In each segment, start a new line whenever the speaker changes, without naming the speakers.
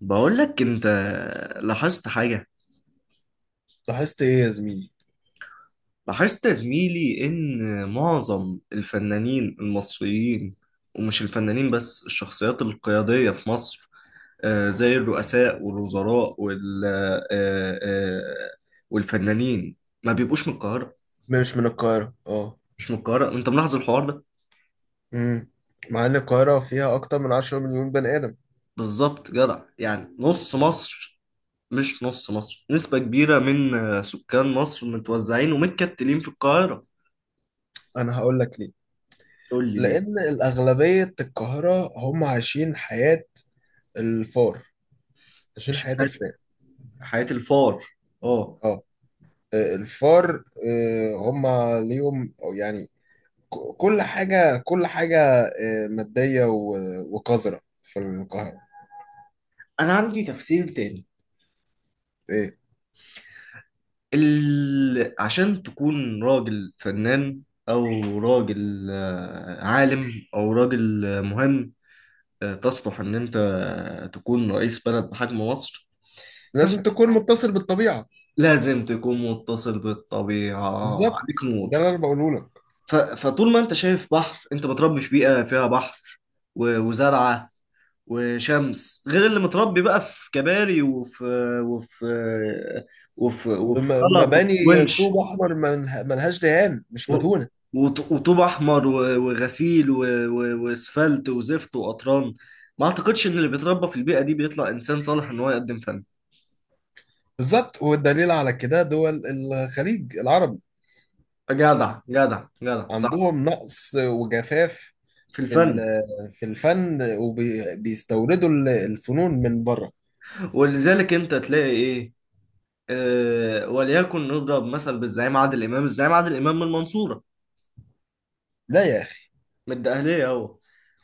بقول لك انت، لاحظت حاجة.
لاحظت ايه يا زميلي؟
لاحظت يا زميلي ان معظم الفنانين المصريين، ومش الفنانين بس، الشخصيات القيادية في مصر، زي الرؤساء والوزراء وال والفنانين، ما بيبقوش من القاهرة.
مش من القاهرة، اه.
مش من القاهرة، انت ملاحظ الحوار ده؟
امم. مع ان القاهرة فيها اكتر من 10 مليون بني ادم.
بالظبط جدع، يعني نص مصر. مش نص مصر، نسبة كبيرة من سكان مصر متوزعين ومتكتلين في القاهرة.
انا هقول لك ليه.
تقول لي
لان الاغلبية القاهرة هم عايشين حياة الفار. عايشين حياة
ليه.
الفئة.
حياة الفار، اه.
اه. الفار هم ليهم أو يعني كل حاجة كل حاجة مادية وقذرة في القاهرة.
انا عندي تفسير تاني.
ايه؟
عشان تكون راجل فنان، او راجل عالم، او راجل مهم، تصلح ان انت تكون رئيس بلد بحجم مصر، فأنت
لازم تكون متصل بالطبيعة.
لازم تكون متصل بالطبيعة. عليك
بالظبط، ده
نور.
اللي انا بقوله لك.
فطول ما انت شايف بحر، انت متربي في بيئة فيها بحر و وزرعة وشمس، غير اللي متربي بقى في كباري وفي وفي سلط وفي
ومباني طوب
ونش
احمر ملهاش دهان، مش
و-
مدهونه.
وطوب احمر وغسيل واسفلت وزفت وقطران. ما اعتقدش ان اللي بيتربى في البيئه دي بيطلع انسان صالح ان هو يقدم فن.
بالظبط، والدليل على كده دول الخليج العربي،
جدع جدع جدع، صح.
عندهم نقص وجفاف
في الفن.
في الفن، وبيستوردوا الفنون من بره.
ولذلك انت تلاقي ايه، آه وليكن نضرب مثل بالزعيم عادل امام. الزعيم عادل امام من المنصوره،
لا يا اخي.
من الدقهليه هو،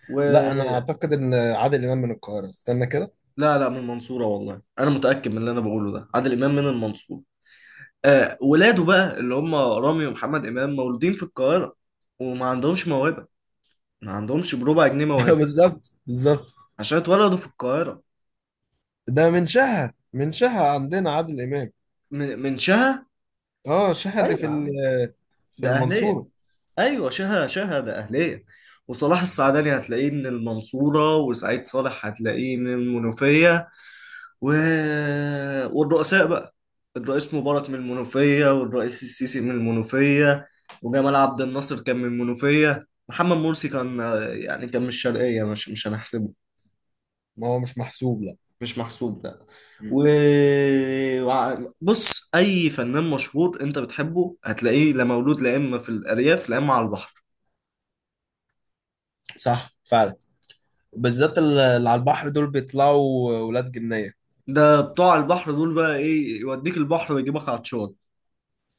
و...
لا، انا اعتقد ان عادل امام من القاهره. استنى كده.
لا لا من المنصورة، والله أنا متأكد من اللي أنا بقوله ده. عادل إمام من المنصورة. آه، ولاده بقى اللي هم رامي ومحمد إمام مولودين في القاهرة وما عندهمش موهبة. ما عندهمش بربع جنيه موهبة
بالظبط، بالظبط.
عشان اتولدوا في القاهرة.
ده من شها عندنا عادل امام.
من شها.
اه، شها دي
ايوه يا عم،
في
ده أهلية.
المنصوره.
أيوة شها، شها ده أهلية. وصلاح السعداني هتلاقيه من المنصورة، وسعيد صالح هتلاقيه من المنوفية و... والرؤساء بقى، الرئيس مبارك من المنوفية، والرئيس السيسي من المنوفية، وجمال عبد الناصر كان من المنوفية. محمد مرسي كان، يعني كان من الشرقية، مش هنحسبه.
ما هو مش محسوب، لا.
مش محسوب ده.
مم.
و بص، أي فنان مشهور أنت بتحبه هتلاقيه لا مولود لا إما في الأرياف لا إما على البحر.
صح فعلا. بالذات اللي على البحر دول بيطلعوا ولاد جنية.
ده بتوع البحر دول بقى، إيه يوديك البحر ويجيبك عطشان.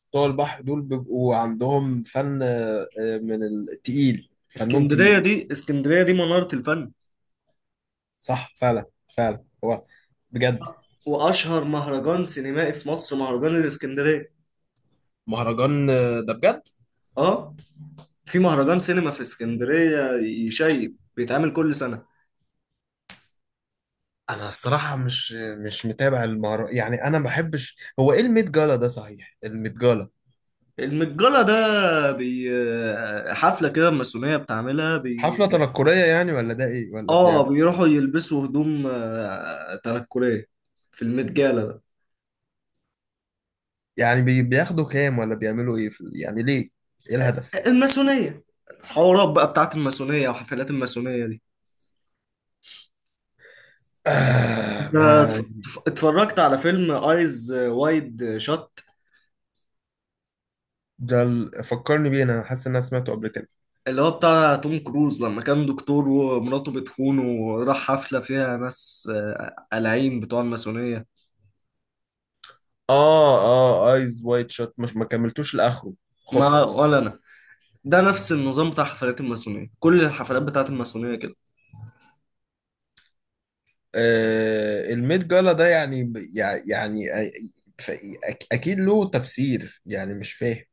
بتوع البحر دول بيبقوا عندهم فن من التقيل، فنهم
اسكندرية
تقيل.
دي، اسكندرية دي منارة الفن.
صح فعلا. فعلا، هو بجد.
واشهر مهرجان سينمائي في مصر مهرجان الاسكندريه.
مهرجان ده بجد.
اه، في مهرجان سينما في اسكندريه يشيب بيتعمل كل سنه.
انا الصراحة مش متابع المهرجان، يعني انا ما بحبش. هو ايه الميت جالا ده؟ صحيح، الميت جالا؟
المتجلة ده حفلة كده الماسونية بتعملها
حفلة تنكرية يعني، ولا ده ايه ولا
اه،
بي...
بيروحوا يلبسوا هدوم تنكرية في المتجلة ده.
يعني بياخدوا كام، ولا بيعملوا ايه يعني ليه؟ ايه الهدف؟
الماسونية، الحوارات بقى بتاعت الماسونية وحفلات الماسونية دي،
آه،
انت
ما.
اتفرجت على فيلم ايز وايد شات،
ده فكرني بيه، انا حاسس ان انا سمعته قبل كده.
اللي هو بتاع توم كروز، لما كان دكتور ومراته بتخونه وراح حفلة فيها ناس قلعين بتوع الماسونية؟
اه، اه، ايز وايت شوت مش ما كملتوش لاخره.
ما
خفت.
ولا أنا. ده نفس النظام بتاع حفلات الماسونية، كل الحفلات بتاعت الماسونية كده.
آه، الميد جالا ده يعني يعني ف- اكيد له تفسير، يعني مش فاهم.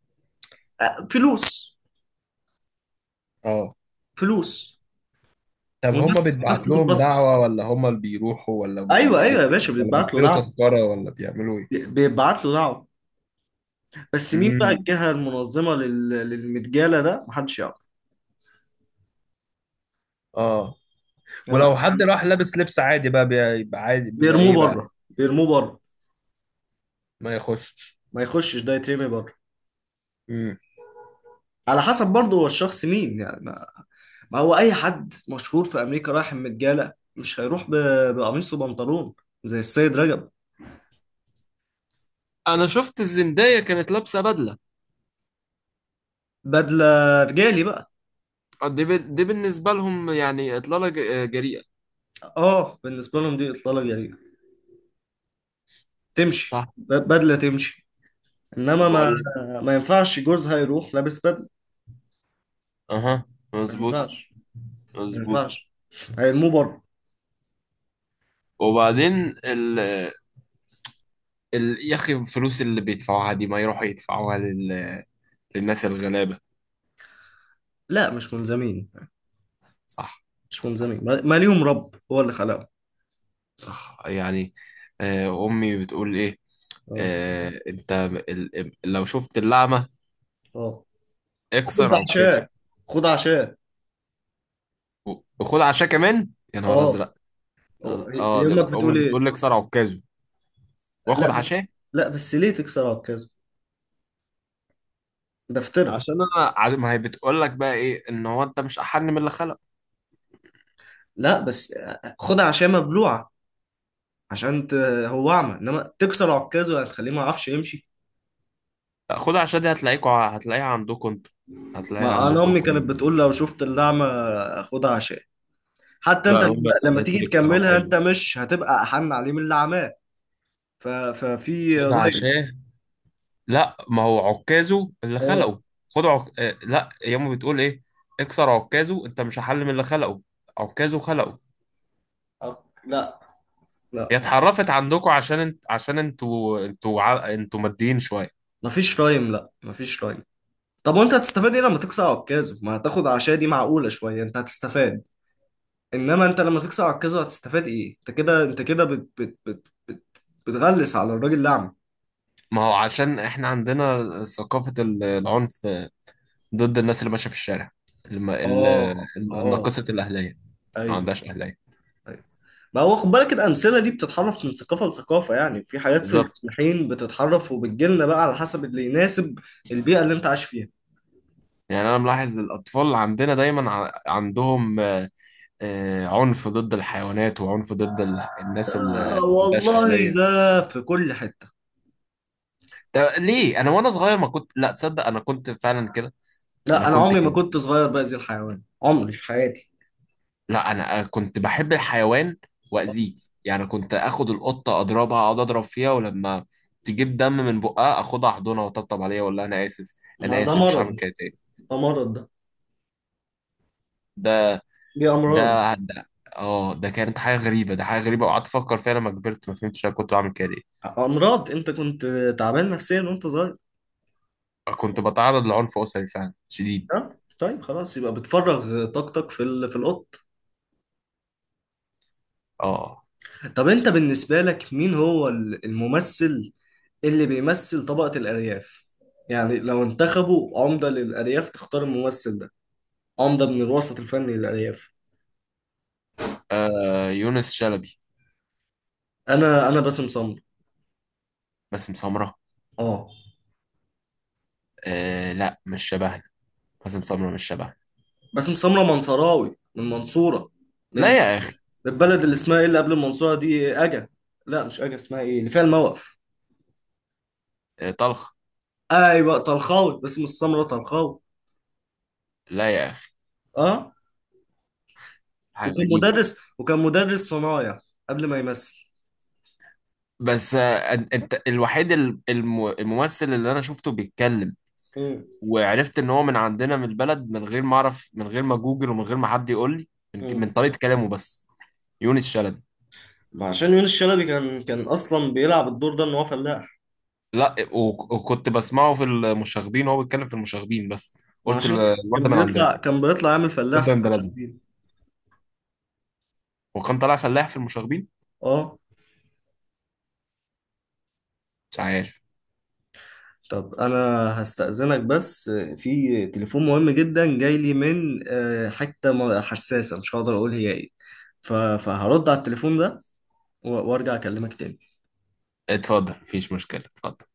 فلوس.
اه.
فلوس.
طب، هما
وناس
بيتبعت لهم
بتتبسط.
دعوة ولا هما اللي بيروحوا، ولا بي...
أيوه أيوه
بي...
يا باشا،
ولا
بيتبعت له
بيشتروا
دعوة.
تذكرة، ولا بيعملوا ايه؟
بيتبعت له دعوة. بس مين بقى
امم.
الجهة المنظمة للمتجالة ده محدش يعرف.
اه.
يعني
ولو حد راح لابس لبس عادي بقى بيبقى عادي، بيبقى
بيرموه
ايه بقى؟
بره، بيرموه بره.
ما يخشش.
ما يخشش، ده يترمي بره.
امم.
على حسب برضه هو الشخص مين يعني. ما هو اي حد مشهور في امريكا رايح متجالة مش هيروح بقميص وبنطلون زي السيد رجب.
انا شفت الزندايا كانت لابسه بدله.
بدلة رجالي بقى.
دي بالنسبه لهم يعني اطلاله جريئه.
اه بالنسبة لهم دي اطلالة جريئة. تمشي
صح.
بدلة تمشي. انما ما
وبقول لك.
ما ينفعش جوزها يروح لابس بدلة.
اها.
ما
مظبوط.
ينفعش. ما
مظبوط.
ينفعش. هيرموه بره.
وبعدين، ال ال يا اخي الفلوس اللي بيدفعوها دي ما يروحوا يدفعوها للناس الغلابة.
لا مش ملزمين.
صح.
مش
صح،
ملزمين. ما ليهم رب هو اللي خلقهم.
صح يعني. امي بتقول ايه؟
اه.
انت، لو شفت اللعمة،
اه. خد
اكسر عكازه،
عشاء. خد عشاء.
وخد عشاء كمان، يا نهار
اه.
ازرق. اه. ده
يمك
امي
بتقول
بتقول
ايه؟
لي اكسر عكازه،
لا
واخد
بس.
عشاء.
لا بس، ليه تكسر عكازه؟ ده فطرة.
عشان انا ما هي بتقول لك بقى ايه، ان هو انت مش احن من اللي خلق.
لا بس، خدها عشان مبلوعه. عشان ت... هو اعمى، انما تكسر عكازه هتخليه ما يعرفش يمشي.
خدها عشان دي هتلاقيها عندكم انتوا. هتلاقيها
ما انا
عندكم
امي
انتوا
كانت
يعني.
بتقول لو شفت الاعمى خدها عشان حتى انت
لا، هم
لما
اللي
تيجي
هتلاقيك في
تكملها
عكازو.
انت مش هتبقى احن عليه من اللي عماه. ففي
خدها
رايم؟
عشان. لا، ما هو عكازو اللي
اه.
خلقه. خد عك... آه، لا، ياما بتقول ايه؟ اكسر عكازو، انت مش هحل من اللي خلقه. عكازو خلقه.
لا.
هي
لا
اتحرفت عندكم، عشان عشان انتوا ماديين شويه.
مفيش رايم، لا مفيش رايم. طب وانت هتستفاد ايه لما تكسر عكازه؟ ما هتاخد عشاء دي معقوله شويه انت هتستفاد. انما انت لما تكسر عكازه هتستفاد ايه؟ انت كده، انت كده بتغلس على الراجل الاعمى.
ما هو عشان احنا عندنا ثقافه العنف، ضد الناس اللي ماشيه في الشارع، الم... ال... ال-
اه. اه.
الناقصه الاهليه، ما
ايوه.
عندهاش اهليه.
ايوه. ما هو خد بالك الامثله دي بتتحرف من ثقافه لثقافه. يعني في حاجات في
بالظبط.
الحين بتتحرف وبتجيلنا بقى على حسب اللي يناسب البيئه اللي انت عايش فيها.
يعني انا ملاحظ الاطفال عندنا دايما عندهم عنف ضد الحيوانات، وعنف ضد الناس اللي
آه
ما عندهاش
والله،
اهليه.
ده في كل حته.
ده ليه؟ انا وانا صغير ما كنت، لا تصدق، انا كنت فعلا كده. انا
لا، انا
كنت
عمري ما
كده.
كنت صغير باذي الحيوان عمري في حياتي.
لا، انا كنت بحب الحيوان واذيه. يعني كنت اخد القطه اضربها، اقعد اضرب فيها، ولما تجيب دم من بقها اخدها احضنها واطبطب عليها واقول لها انا اسف،
ما
انا
ده
اسف مش
مرض،
هعمل كده تاني.
ده مرض ده،
ده
دي امراض.
ده ده اه، ده كانت حاجه غريبه، ده حاجه غريبه، وقعدت افكر فيها لما كبرت، ما فهمتش انا كنت بعمل كده ليه.
امراض. انت كنت تعبان نفسيا وانت صغير.
كنت بتعرض لعنف أسري فعلا شديد.
اه. طيب خلاص، يبقى بتفرغ طاقتك في القط.
اه.
طب انت بالنسبة لك مين هو الممثل اللي بيمثل طبقة الأرياف؟ يعني لو انتخبوا عمدة للأرياف تختار الممثل ده عمدة من الوسط الفني للأرياف.
يونس شلبي.
أنا باسم سمرة.
باسم سمرة؟
آه.
آه، لا، مش شبهنا. باسم سمرة مش شبهنا.
باسم سمرة منصراوي من المنصورة. من
لا يا أخي.
البلد اللي اسمها إيه اللي قبل المنصورة دي، أجا. لا مش أجا، اسمها إيه اللي فيها الموقف.
آه، طلخ.
أيوة طلخاوي، باسم السمرة طلخاوي.
لا يا أخي.
آه.
حاجة
وكان
غريبة.
مدرس وكان مدرس صنايع قبل ما يمثل.
بس، أنت الوحيد الممثل اللي أنا شفته بيتكلم
مم.
وعرفت إن هو من عندنا من البلد، من غير ما أعرف، من غير ما جوجل، ومن غير ما حد يقول لي، من
مم.
طريقة كلامه بس. يونس شلبي.
ما عشان يونس شلبي كان اصلا بيلعب الدور ده ان هو فلاح.
لا، وكنت بسمعه في المشاغبين وهو بيتكلم في المشاغبين بس.
ما
قلت
عشان
الواد
كان
ده من عندنا،
بيطلع كان بيطلع يعمل
الواد
فلاح
ده
في
من بلدنا،
المشاهدين.
وكان طالع فلاح في المشاغبين.
اه.
مش عارف.
طب انا هستأذنك بس، في تليفون مهم جدا جاي لي من حته حساسه مش هقدر اقول هي ايه. فهرد على التليفون ده وارجع اكلمك تاني.
اتفضل، مفيش مشكلة، اتفضل.